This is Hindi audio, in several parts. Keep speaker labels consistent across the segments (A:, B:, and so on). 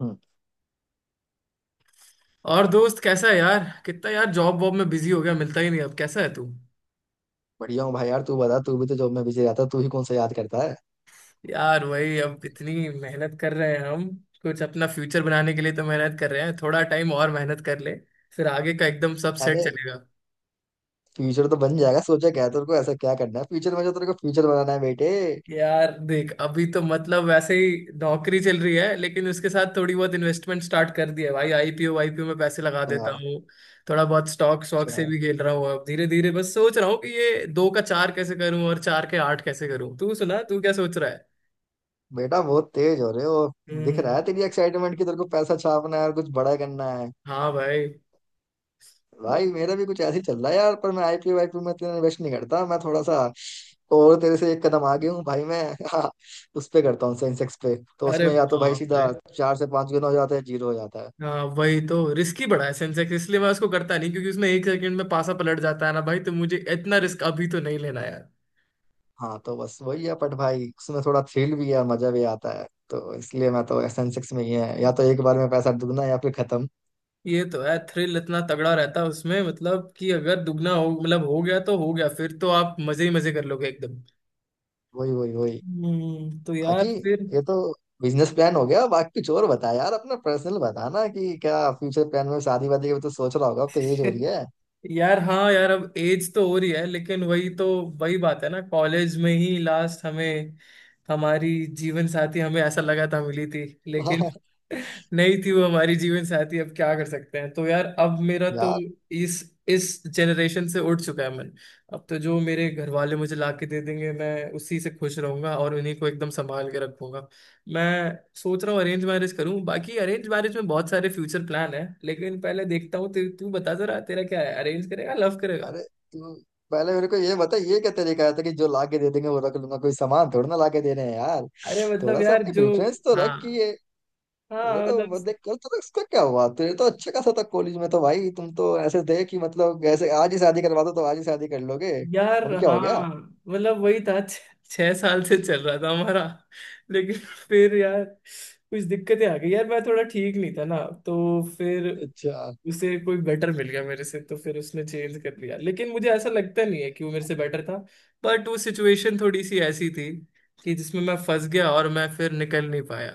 A: हम्म,
B: और दोस्त कैसा है यार? कितना यार जॉब वॉब में बिजी हो गया, मिलता ही नहीं। अब कैसा है तू?
A: बढ़िया हूँ भाई। यार तू बता, तू भी तो जॉब में बिजी रहता है, तू ही कौन सा याद करता है।
B: यार वही, अब इतनी मेहनत कर रहे हैं हम, कुछ अपना फ्यूचर बनाने के लिए तो मेहनत कर रहे हैं। थोड़ा टाइम और मेहनत कर ले, फिर आगे का एकदम सब सेट
A: अरे
B: चलेगा।
A: फ्यूचर तो बन जाएगा, सोचा क्या है, तेरे को ऐसा क्या करना है फ्यूचर में जो तेरे को फ्यूचर बनाना है बेटे।
B: यार देख, अभी तो मतलब वैसे ही नौकरी चल रही है, लेकिन उसके साथ थोड़ी बहुत इन्वेस्टमेंट स्टार्ट कर दी है भाई। आईपीओ आईपीओ में पैसे लगा देता
A: अच्छा।
B: हूँ, थोड़ा बहुत स्टॉक स्टॉक
A: अच्छा।
B: से भी खेल रहा हूँ। अब धीरे धीरे बस सोच रहा हूँ कि ये दो का चार कैसे करूँ और चार के आठ कैसे करूँ। तू सुना, तू क्या सोच रहा है?
A: बेटा बहुत तेज हो रहे हो। दिख रहा
B: हम्म।
A: है तेरी एक्साइटमेंट की तेरे को पैसा छापना है और कुछ बड़ा करना है।
B: हाँ भाई।
A: भाई मेरा भी कुछ ऐसे ही चल रहा है यार, पर मैं आईपीओ वाईपीओ में इतना इन्वेस्ट नहीं करता। मैं थोड़ा सा और तेरे से एक कदम आगे हूँ भाई मैं। हाँ, उस पे करता हूँ सेंसेक्स पे। तो
B: अरे
A: उसमें या तो भाई
B: बाप रे!
A: सीधा चार से पांच गुना हो जाता है, जीरो हो जाता है।
B: हाँ वही तो, रिस्की बड़ा है सेंसेक्स, इसलिए मैं उसको करता नहीं, क्योंकि उसमें एक सेकंड में पासा पलट जाता है ना भाई। तो मुझे इतना रिस्क अभी तो नहीं लेना यार।
A: हाँ तो बस वही है बट भाई उसमें थोड़ा थ्रिल भी है, मजा भी आता है। तो इसलिए मैं तो एस एन सिक्स में ही है, या तो एक बार में पैसा दुगना या फिर खत्म।
B: ये तो है, थ्रिल इतना तगड़ा रहता है उसमें, मतलब कि अगर दुगना हो, मतलब हो गया तो हो गया, फिर तो आप मजे ही मजे कर लोगे एकदम।
A: वही वही वही।
B: हम्म, तो
A: बाकी
B: यार फिर
A: ये तो बिजनेस प्लान हो गया, बाकी कुछ और बता यार। अपना पर्सनल बता ना कि क्या फ्यूचर प्लान में शादी वादी का भी तो सोच रहा होगा, अब तो एज हो रही है।
B: यार हाँ यार, अब एज तो हो रही है, लेकिन वही तो, वही बात है ना, कॉलेज में ही लास्ट हमें हमारी जीवन साथी हमें ऐसा लगा था मिली थी, लेकिन
A: वाह,
B: नहीं थी वो हमारी जीवन साथी। अब क्या कर सकते हैं। तो यार, अब मेरा तो
A: यार!
B: इस इस जनरेशन से उठ चुका है मन। अब तो जो मेरे घर वाले मुझे ला के दे देंगे, मैं उसी से खुश रहूंगा और उन्हीं को एकदम संभाल के रखूंगा। मैं सोच रहा हूँ अरेंज मैरिज करूँ, बाकी अरेंज मैरिज में बहुत सारे फ्यूचर प्लान है, लेकिन पहले देखता हूँ। तू तू बता जरा, तेरा क्या है? अरेंज करेगा, लव करेगा?
A: अरे तू पहले मेरे को ये बता, ये क्या तरीका है कि जो ला के दे देंगे वो रख लूंगा? कोई सामान थोड़ा ना ला के दे रहे हैं यार।
B: अरे मतलब
A: थोड़ा सा
B: यार
A: अपनी
B: जो,
A: प्रेफरेंस तो रख कि
B: हाँ
A: ये, वो
B: हाँ
A: तो
B: मतलब,
A: वो देख। कल तो इसका क्या हुआ, तेरे तो अच्छा खासा था कॉलेज में। तो भाई तुम तो ऐसे थे कि मतलब ऐसे आज ही शादी करवा दो तो आज ही शादी कर लोगे।
B: यार
A: अब क्या हो
B: हाँ
A: गया?
B: मतलब वही था, 6 साल से चल रहा था हमारा, लेकिन फिर यार कुछ दिक्कतें आ गई यार, मैं थोड़ा ठीक नहीं था ना, तो फिर
A: अच्छा।
B: उसे कोई बेटर मिल गया मेरे से, तो फिर उसने चेंज कर दिया, लेकिन मुझे ऐसा लगता नहीं है कि वो मेरे से बेटर था। बट वो सिचुएशन थोड़ी सी ऐसी थी कि जिसमें मैं फंस गया और मैं फिर निकल नहीं पाया।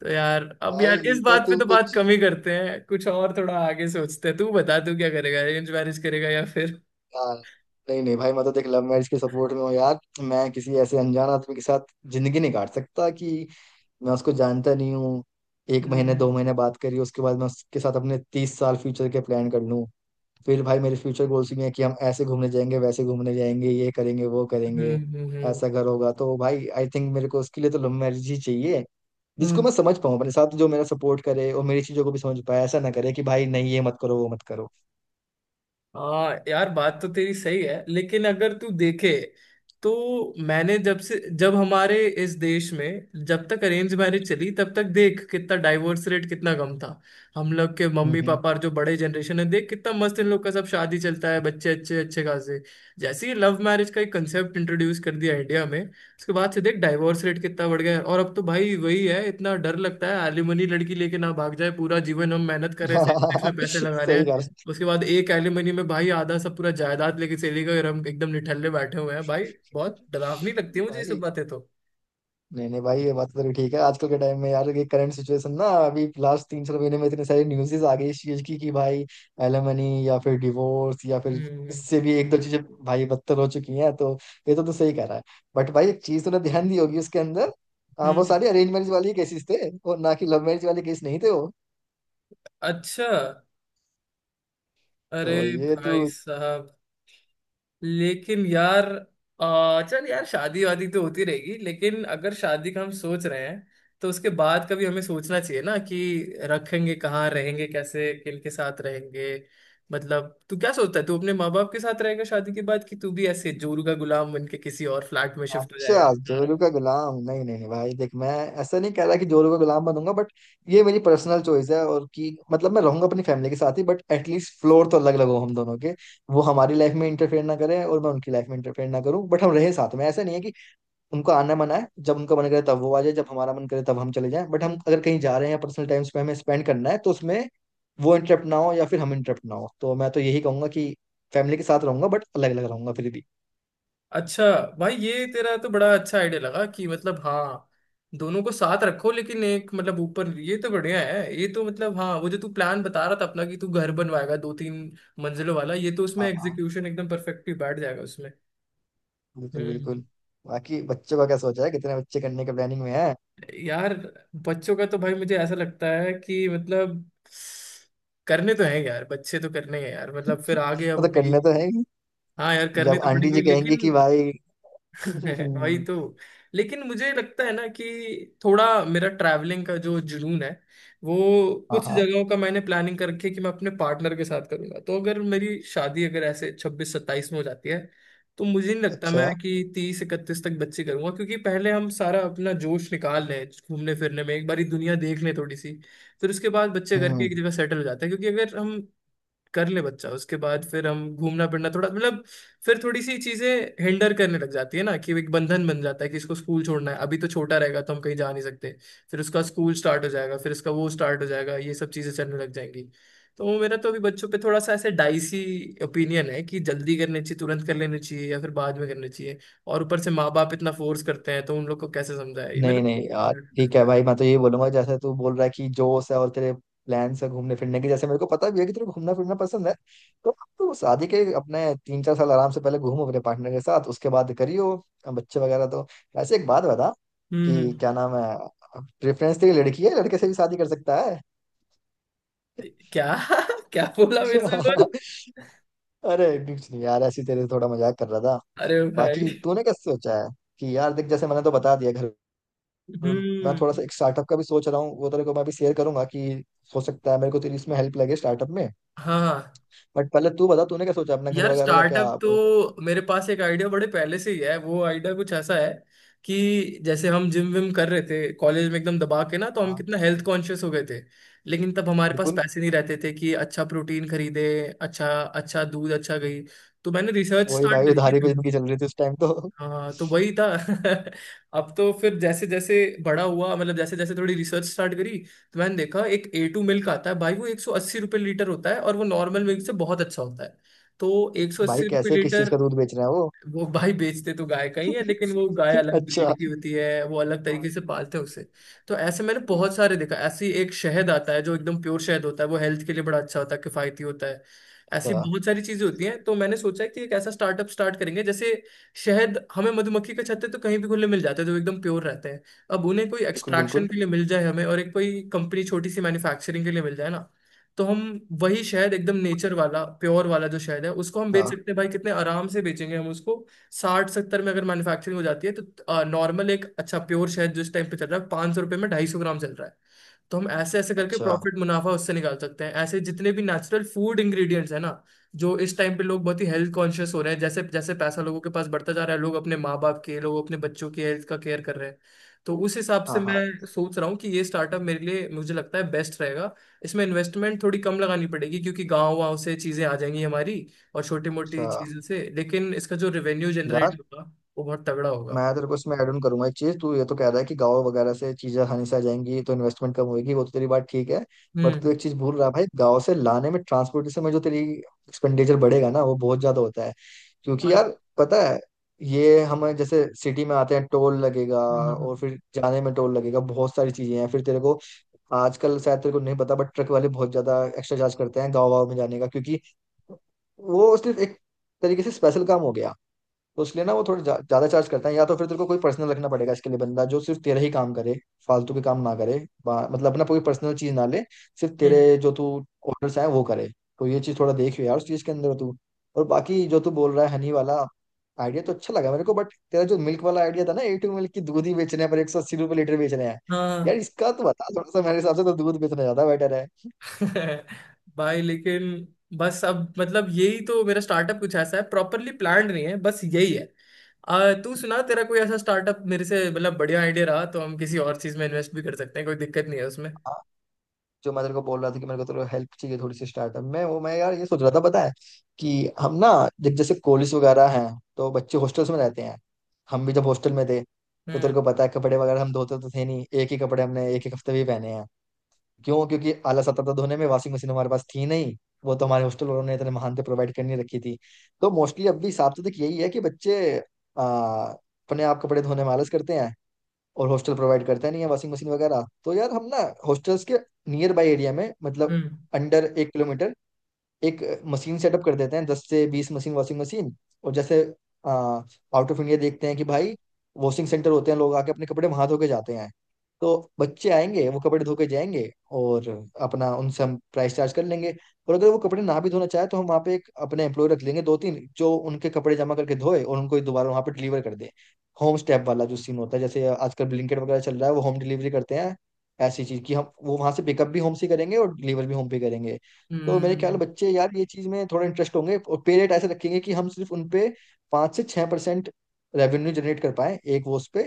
B: तो यार अब
A: भाई
B: यार
A: ये
B: इस
A: तो
B: बात पे
A: तू
B: तो बात
A: कुछ,
B: कम ही करते हैं, कुछ और थोड़ा आगे सोचते हैं। तू बता, तू क्या करेगा? अरेंज मैरिज करेगा या फिर?
A: हाँ, नहीं नहीं भाई मैं तो देख लव मैरिज के सपोर्ट में हूँ यार। मैं किसी ऐसे अनजान आदमी के साथ जिंदगी नहीं काट सकता कि मैं उसको जानता नहीं हूँ। एक महीने
B: हम्म।
A: दो महीने बात करी, उसके बाद मैं उसके साथ अपने 30 साल फ्यूचर के प्लान कर लूँ। फिर भाई मेरे फ्यूचर गोल्स भी हैं कि हम ऐसे घूमने जाएंगे, वैसे घूमने जाएंगे, ये करेंगे, वो
B: हम्म,
A: करेंगे, ऐसा घर होगा। तो भाई आई थिंक मेरे को उसके लिए तो लव मैरिज ही चाहिए, जिसको
B: हम्म।
A: मैं समझ पाऊँ अपने साथ, जो मेरा सपोर्ट करे और मेरी चीजों को भी समझ पाए। ऐसा ना करे कि भाई नहीं ये मत करो, वो मत करो।
B: हाँ यार, बात तो तेरी सही है, लेकिन अगर तू देखे तो, मैंने जब से जब हमारे इस देश में जब तक अरेंज मैरिज चली तब तक देख कितना डाइवोर्स रेट कितना कम था। हम लोग के
A: हम्म।
B: मम्मी
A: हम्म।
B: पापा और जो बड़े जनरेशन है देख कितना मस्त इन लोग का सब शादी चलता है, बच्चे अच्छे अच्छे खासे। जैसे ही लव मैरिज का एक कंसेप्ट इंट्रोड्यूस कर दिया इंडिया में, उसके बाद से देख डाइवोर्स रेट कितना बढ़ गया है। और अब तो भाई वही है, इतना डर लगता है एलिमनी, लड़की लेके ना भाग जाए। पूरा जीवन हम मेहनत कर रहे हैं, सेक्स में पैसे लगा रहे
A: सही
B: हैं,
A: कहा।
B: उसके बाद एक एलिमनी में भाई आधा सब पूरा जायदाद लेके चली गई, और हम एकदम निठल्ले बैठे हुए हैं भाई। बहुत डरावनी लगती है मुझे ये सब
A: भाई
B: बातें तो।
A: नहीं नहीं भाई, ये बात तो तेरी ठीक है। आजकल के टाइम में यार ये करंट सिचुएशन ना, अभी लास्ट तीन चार महीने में इतनी सारी न्यूज़ेस आ गई इस चीज की कि भाई एलिमनी या फिर डिवोर्स या फिर
B: हम्म,
A: इससे भी एक दो चीजें भाई बदतर हो चुकी हैं। तो ये तो तू सही कह रहा है। बट भाई एक चीज तूने ध्यान दी होगी उसके अंदर, हाँ वो
B: हम्म।
A: सारी अरेंज मैरिज वाली केसेस थे और ना कि लव मैरिज वाले केस नहीं थे वो।
B: अच्छा। अरे
A: तो ये तू,
B: भाई साहब, लेकिन यार चल यार, शादी वादी तो होती रहेगी, लेकिन अगर शादी का हम सोच रहे हैं, तो उसके बाद का भी हमें सोचना चाहिए ना कि रखेंगे कहाँ, रहेंगे कैसे, किन के साथ रहेंगे। मतलब तू क्या सोचता है, तू अपने माँ बाप के साथ रहेगा शादी के बाद, कि तू भी ऐसे जोरू का गुलाम बन के किसी और फ्लैट में शिफ्ट हो
A: अच्छा।
B: जाएगा?
A: जोरू का गुलाम, नहीं नहीं नहीं भाई देख मैं ऐसा नहीं कह रहा कि जोरू का गुलाम बनूंगा। बट ये मेरी पर्सनल चॉइस है और कि मतलब मैं रहूंगा अपनी फैमिली के साथ ही, बट एटलीस्ट फ्लोर तो अलग अलग हो हम दोनों के। वो हमारी लाइफ में इंटरफेयर ना करे और मैं उनकी लाइफ में इंटरफेयर ना करूं। बट हम रहे साथ में, ऐसा नहीं है कि उनको आना मना है। जब उनका मन करे तब वो आ जाए, जब हमारा मन करे तब हम चले जाएं। बट हम अगर कहीं जा रहे हैं, पर्सनल टाइम हमें स्पेंड करना है, तो उसमें वो इंटरप्ट ना हो या फिर हम इंटरप्ट ना हो। तो मैं तो यही कहूंगा कि फैमिली के साथ रहूंगा, बट अलग अलग रहूंगा फिर भी।
B: अच्छा भाई, ये तेरा तो बड़ा अच्छा आइडिया लगा कि मतलब हाँ, दोनों को साथ रखो लेकिन एक मतलब ऊपर, ये तो बढ़िया है। ये तो मतलब हाँ, वो जो तू प्लान बता रहा था अपना कि तू घर बनवाएगा 2 3 मंजिलों वाला, ये तो उसमें
A: हाँ। हाँ।
B: एग्जीक्यूशन एकदम परफेक्टली बैठ जाएगा उसमें।
A: बिल्कुल बिल्कुल।
B: हम्म।
A: बाकी बच्चों का क्या सोचा है, कितने बच्चे करने के प्लानिंग में है?
B: यार बच्चों का तो भाई मुझे ऐसा लगता है कि मतलब करने तो हैं यार, बच्चे तो करने हैं यार, मतलब फिर आगे अब
A: वो तो
B: अपनी,
A: करने तो है ही।
B: हाँ यार करने
A: जब
B: तो
A: आंटी
B: पड़ेंगे
A: जी कहेंगी
B: लेकिन
A: कि भाई
B: है, वही तो। लेकिन मुझे लगता है ना कि थोड़ा मेरा ट्रैवलिंग का जो जुनून है वो,
A: हाँ
B: कुछ
A: हाँ।
B: जगहों का मैंने प्लानिंग करके कि मैं अपने पार्टनर के साथ करूंगा, तो अगर मेरी शादी अगर ऐसे 26 27 में हो जाती है, तो मुझे नहीं लगता मैं
A: अच्छा।
B: कि 30 31 तक बच्चे करूंगा, क्योंकि पहले हम सारा अपना जोश निकाल लें घूमने फिरने में, एक बारी दुनिया देख लें थोड़ी सी, फिर उसके बाद बच्चे करके
A: हम्म।
B: एक जगह सेटल हो जाते हैं। क्योंकि अगर हम कर ले बच्चा, उसके बाद फिर हम घूमना फिरना थोड़ा मतलब, फिर थोड़ी सी चीजें हिंडर करने लग जाती है ना, कि एक बंधन बन जाता है कि इसको स्कूल छोड़ना है, अभी तो छोटा रहेगा तो हम कहीं जा नहीं सकते, फिर उसका स्कूल स्टार्ट हो जाएगा, फिर उसका वो स्टार्ट हो जाएगा, ये सब चीजें चलने लग जाएंगी। तो वो मेरा तो अभी बच्चों पे थोड़ा सा ऐसे डाइसी ओपिनियन है, कि जल्दी करने चाहिए तुरंत कर लेने चाहिए या फिर बाद में करने चाहिए। और ऊपर से माँ बाप इतना फोर्स करते हैं, तो उन लोग को कैसे समझाए, ये मेरा
A: नहीं
B: तो-
A: नहीं यार ठीक है भाई। मैं तो यही बोलूंगा, जैसे तू बोल रहा है कि जोश है और तेरे प्लान्स है घूमने फिरने के, जैसे मेरे को पता भी है कि तेरे को घूमना फिरना पसंद है, तो अब तो शादी के अपने तीन चार साल आराम से पहले घूमो अपने पार्टनर के साथ, उसके बाद करियो। अब बच्चे वगैरह तो, वैसे एक बात बता,
B: हम्म।
A: कि
B: हम्म।
A: क्या नाम है प्रेफरेंस तेरी, लड़की है लड़के से भी शादी कर सकता है?
B: क्या? क्या बोला? मेरे से बोल।
A: अरे कुछ नहीं यार, ऐसी तेरे से थोड़ा मजाक कर रहा था।
B: अरे भाई।
A: बाकी तूने कैसे सोचा है कि, यार देख जैसे मैंने तो बता दिया घर। मैं थोड़ा
B: हम्म।
A: सा एक स्टार्टअप का भी सोच रहा हूँ, वो तेरे को मैं भी शेयर करूंगा कि हो सकता है मेरे को तेरी इसमें हेल्प लगे स्टार्टअप में।
B: हाँ
A: बट पहले तू बता, तूने क्या सोचा अपना घर
B: यार,
A: वगैरह का, क्या
B: स्टार्टअप
A: आप।
B: तो मेरे पास एक आइडिया बड़े पहले से ही है। वो आइडिया कुछ ऐसा है कि जैसे हम जिम विम कर रहे थे कॉलेज में एकदम दबा के ना, तो हम
A: हाँ।
B: कितना हेल्थ कॉन्शियस हो गए थे, लेकिन तब हमारे पास
A: बिल्कुल।
B: पैसे नहीं रहते थे कि अच्छा प्रोटीन खरीदे, अच्छा अच्छा दूध, अच्छा घी। तो मैंने रिसर्च
A: वही
B: स्टार्ट
A: भाई,
B: करी
A: उधारी पे
B: थी।
A: जिंदगी चल रही थी उस टाइम तो।
B: हाँ तो वही था अब तो फिर जैसे जैसे बड़ा हुआ मतलब, जैसे जैसे थोड़ी रिसर्च स्टार्ट करी, तो मैंने देखा एक ए टू मिल्क आता है भाई, वो 180 रुपये लीटर होता है, और वो नॉर्मल मिल्क से बहुत अच्छा होता है। तो एक सौ
A: भाई
B: अस्सी रुपये
A: कैसे किस चीज
B: लीटर
A: का दूध बेच रहे हैं वो?
B: वो भाई बेचते तो गाय का ही है, लेकिन वो गाय अलग
A: अच्छा।
B: ब्रीड की होती है, वो अलग तरीके से पालते हैं उसे। तो ऐसे मैंने
A: अच्छा।
B: बहुत सारे देखा, ऐसी एक शहद आता है जो एकदम प्योर शहद होता है, वो हेल्थ के लिए बड़ा अच्छा होता है, किफायती होता है। ऐसी बहुत सारी चीजें होती हैं, तो मैंने सोचा है कि एक ऐसा स्टार्टअप स्टार्ट करेंगे। जैसे शहद, हमें मधुमक्खी के छत्ते तो कहीं भी खुले मिल जाते हैं जो एकदम प्योर रहते हैं, अब उन्हें कोई
A: बिल्कुल
B: एक्सट्रैक्शन
A: बिल्कुल।
B: के लिए मिल जाए हमें, और एक कोई कंपनी छोटी सी मैन्युफैक्चरिंग के लिए मिल जाए ना, तो हम वही शहद एकदम नेचर वाला, प्योर वाला जो शहद है उसको हम बेच
A: हाँ।
B: सकते हैं भाई। कितने आराम से बेचेंगे हम उसको। 60 70 में अगर मैन्युफैक्चरिंग हो जाती है, तो नॉर्मल एक अच्छा प्योर शहद जो इस टाइम पे चल रहा है 500 रुपये में 250 ग्राम चल रहा है। तो हम ऐसे ऐसे करके
A: अच्छा।
B: प्रॉफिट मुनाफा उससे निकाल सकते हैं। ऐसे जितने भी नेचुरल फूड इंग्रेडिएंट्स है ना, जो इस टाइम पे लोग बहुत ही हेल्थ कॉन्शियस हो रहे हैं जैसे जैसे पैसा लोगों के पास बढ़ता जा रहा है, लोग अपने माँ बाप के, लोग अपने बच्चों की हेल्थ का केयर कर रहे हैं। तो उस हिसाब से
A: हाँ हाँ।
B: मैं सोच रहा हूँ कि ये स्टार्टअप मेरे लिए, मुझे लगता है बेस्ट रहेगा। इसमें इन्वेस्टमेंट थोड़ी कम लगानी पड़ेगी, क्योंकि गाँव वाँव से चीज़ें आ जाएंगी हमारी, और छोटी मोटी
A: अच्छा।
B: चीज़ों से, लेकिन इसका जो रेवेन्यू
A: यार
B: जनरेट होगा वो बहुत तगड़ा होगा।
A: मैं तेरे को इसमें ऐड ऑन करूंगा एक चीज। तू ये तो कह रहा है कि गांव वगैरह से चीजें आसानी से आ जाएंगी तो इन्वेस्टमेंट कम होगी, वो तो तेरी बात ठीक है। बट
B: हम्म
A: तू एक चीज भूल रहा है भाई, गांव से लाने में ट्रांसपोर्टेशन में जो तेरी एक्सपेंडिचर बढ़ेगा ना, वो बहुत ज्यादा होता है। क्योंकि
B: और-।
A: यार पता है, ये हम जैसे सिटी में आते हैं टोल लगेगा,
B: हाँ हाँ
A: और
B: हाँ।
A: फिर जाने में टोल लगेगा, बहुत सारी चीजें हैं। फिर तेरे को आजकल शायद तेरे को नहीं पता बट ट्रक वाले बहुत ज्यादा एक्स्ट्रा चार्ज करते हैं गाँव वाँव में जाने का। क्योंकि वो सिर्फ एक तरीके से स्पेशल काम हो गया, तो इसलिए ना वो थोड़ा ज्यादा चार्ज करता है। या तो फिर तेरे को कोई पर्सनल रखना पड़ेगा इसके लिए बंदा, जो सिर्फ तेरा ही काम करे, फालतू के काम ना करे। मतलब अपना कोई पर्सनल चीज ना ले, सिर्फ
B: हम्म।
A: तेरे जो तू ऑर्डर्स आए वो करे। तो ये चीज थोड़ा देखियो यार उस चीज के अंदर तू। और बाकी जो तू बोल रहा है हनी वाला आइडिया, तो अच्छा लगा मेरे को। बट तेरा जो मिल्क वाला आइडिया था ना, ए टू मिल्क की, दूध ही बेचने पर 180 रुपये लीटर बेच रहे हैं। यार
B: हाँ,
A: इसका तो बता थोड़ा सा, मेरे हिसाब से तो दूध बेचना ज्यादा बेटर है।
B: भाई लेकिन, बस अब मतलब यही तो मेरा स्टार्टअप कुछ ऐसा है, प्रॉपरली प्लान्ड नहीं है, बस यही है। तू सुना, तेरा कोई ऐसा स्टार्टअप मेरे से मतलब बढ़िया आइडिया रहा तो हम किसी और चीज में इन्वेस्ट भी कर सकते हैं, कोई दिक्कत नहीं है उसमें।
A: जो मैं तेरे को बोल रहा था कि मेरे को तेरे हेल्प चाहिए थोड़ी सी स्टार्टअप में, वो मैं यार ये सोच रहा था, पता है, कि हम ना जब जैसे कॉलेज वगैरह हैं, तो बच्चे हॉस्टल्स में रहते हैं। हम भी जब हॉस्टल में थे, तो
B: हम्म,
A: तेरे को पता है कपड़े वगैरह हम धोते तो थे नहीं, एक ही कपड़े हमने एक एक हफ्ते भी पहने हैं। क्यों? क्योंकि आलस आता था धोने में, वॉशिंग मशीन हमारे पास थी नहीं। वो तो हमारे हॉस्टल वालों ने इतने महान थे प्रोवाइड करनी रखी थी। तो मोस्टली अब भी हिसाब तो देख यही है कि बच्चे आ, अपने आप कपड़े धोने में आलस करते हैं, और हॉस्टल प्रोवाइड करता नहीं है वॉशिंग मशीन वगैरह। तो यार हम ना हॉस्टल्स के नियर बाय एरिया में, मतलब
B: हम्म,
A: अंडर 1 किलोमीटर, एक मशीन सेटअप कर देते हैं, 10 से 20 मशीन वॉशिंग मशीन। और जैसे आउट ऑफ इंडिया देखते हैं कि भाई वॉशिंग सेंटर होते हैं, लोग आके अपने कपड़े वहां धो के जाते हैं। तो बच्चे आएंगे वो कपड़े धो के जाएंगे, और अपना उनसे हम प्राइस चार्ज कर लेंगे। और अगर वो कपड़े ना भी धोना चाहे, तो हम वहाँ पे एक अपने एम्प्लॉय रख लेंगे दो तीन, जो उनके कपड़े जमा करके धोए और उनको दोबारा वहाँ पे डिलीवर कर दे। होम स्टेप वाला जो सीन होता है, जैसे आजकल ब्लिंकिट वगैरह चल रहा है वो होम डिलीवरी करते हैं, ऐसी चीज की, हम वो वहां से पिकअप भी होम से करेंगे और डिलीवर भी होम पे करेंगे। तो मेरे ख्याल में
B: हम्म,
A: बच्चे यार ये चीज में थोड़ा इंटरेस्ट होंगे, और पे रेट ऐसे रखेंगे कि हम सिर्फ उन पे 5 से 6% रेवेन्यू जनरेट कर पाए एक वो उस पे।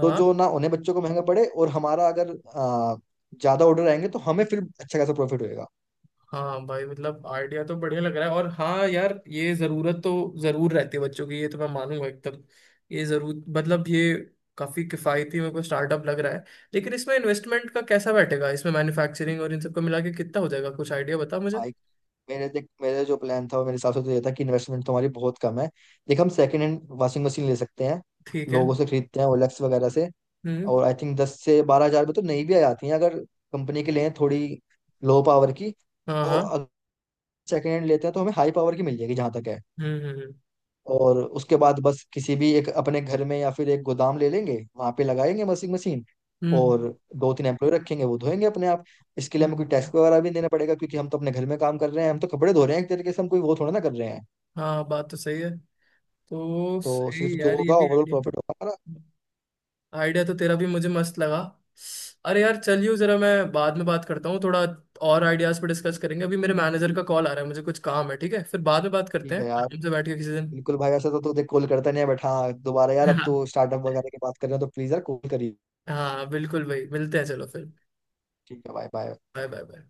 A: तो जो ना उन्हें बच्चों को महंगा पड़े और हमारा अगर आ, ज्यादा ऑर्डर आएंगे तो हमें फिर अच्छा खासा प्रॉफिट होएगा।
B: हाँ भाई मतलब आइडिया तो बढ़िया लग रहा है। और हाँ यार, ये जरूरत तो जरूर रहती है बच्चों की, ये तो मैं मानूंगा एकदम। ये जरूर मतलब, ये काफी किफायती मेरे को स्टार्टअप लग रहा है। लेकिन इसमें इन्वेस्टमेंट का कैसा बैठेगा, इसमें मैन्युफैक्चरिंग और इन सबको मिला के कितना हो जाएगा, कुछ आइडिया बता मुझे।
A: भाई मेरे, देख मेरे जो प्लान था वो मेरे हिसाब से तो ये था कि इन्वेस्टमेंट तो हमारी बहुत कम है। देख हम सेकेंड हैंड वॉशिंग मशीन ले सकते हैं,
B: ठीक है।
A: लोगों से खरीदते हैं ओलेक्स वगैरह से।
B: हम्म।
A: और आई थिंक 10 से 12 हजार में तो नई भी आ जाती हैं, अगर कंपनी के लिए थोड़ी लो पावर की।
B: हाँ हाँ।
A: तो सेकेंड हैंड लेते हैं तो हमें हाई पावर की मिल जाएगी जहां तक है।
B: हम्म, हम्म,
A: और उसके बाद बस किसी भी एक अपने घर में या फिर एक गोदाम ले लेंगे, वहां पे लगाएंगे वॉशिंग मशीन।
B: हम्म,
A: और दो तीन एम्प्लॉय रखेंगे वो धोएंगे अपने आप। इसके लिए
B: हम्म,
A: हमें कोई
B: हम्म।
A: टैक्स वगैरह भी देना पड़ेगा, क्योंकि हम तो अपने घर में काम कर रहे हैं, हम तो कपड़े धो रहे हैं एक तरीके से, हम कोई वो थोड़ा ना कर रहे हैं।
B: हाँ बात तो सही है। तो
A: तो सिर्फ
B: सही
A: जो
B: यार, ये
A: होगा
B: भी
A: ओवरऑल
B: आइडिया,
A: प्रॉफिट होगा हमारा।
B: आइडिया तो तेरा भी मुझे मस्त लगा। अरे यार चलियो जरा, मैं बाद में बात करता हूँ। थोड़ा और आइडियाज पे डिस्कस करेंगे। अभी मेरे मैनेजर का कॉल आ रहा है, मुझे कुछ काम है, ठीक है? फिर बाद में बात करते
A: ठीक
B: हैं
A: है यार।
B: आराम से बैठ के किसी दिन।
A: बिल्कुल भाई। ऐसा तो देख, कॉल करता नहीं है बैठा। हाँ, दोबारा यार अब तो स्टार्टअप वगैरह की बात कर रहे हैं तो प्लीज यार कॉल करिए।
B: हाँ बिल्कुल भाई, मिलते हैं, चलो फिर।
A: ठीक है भाई, बाय।
B: Bye bye bye.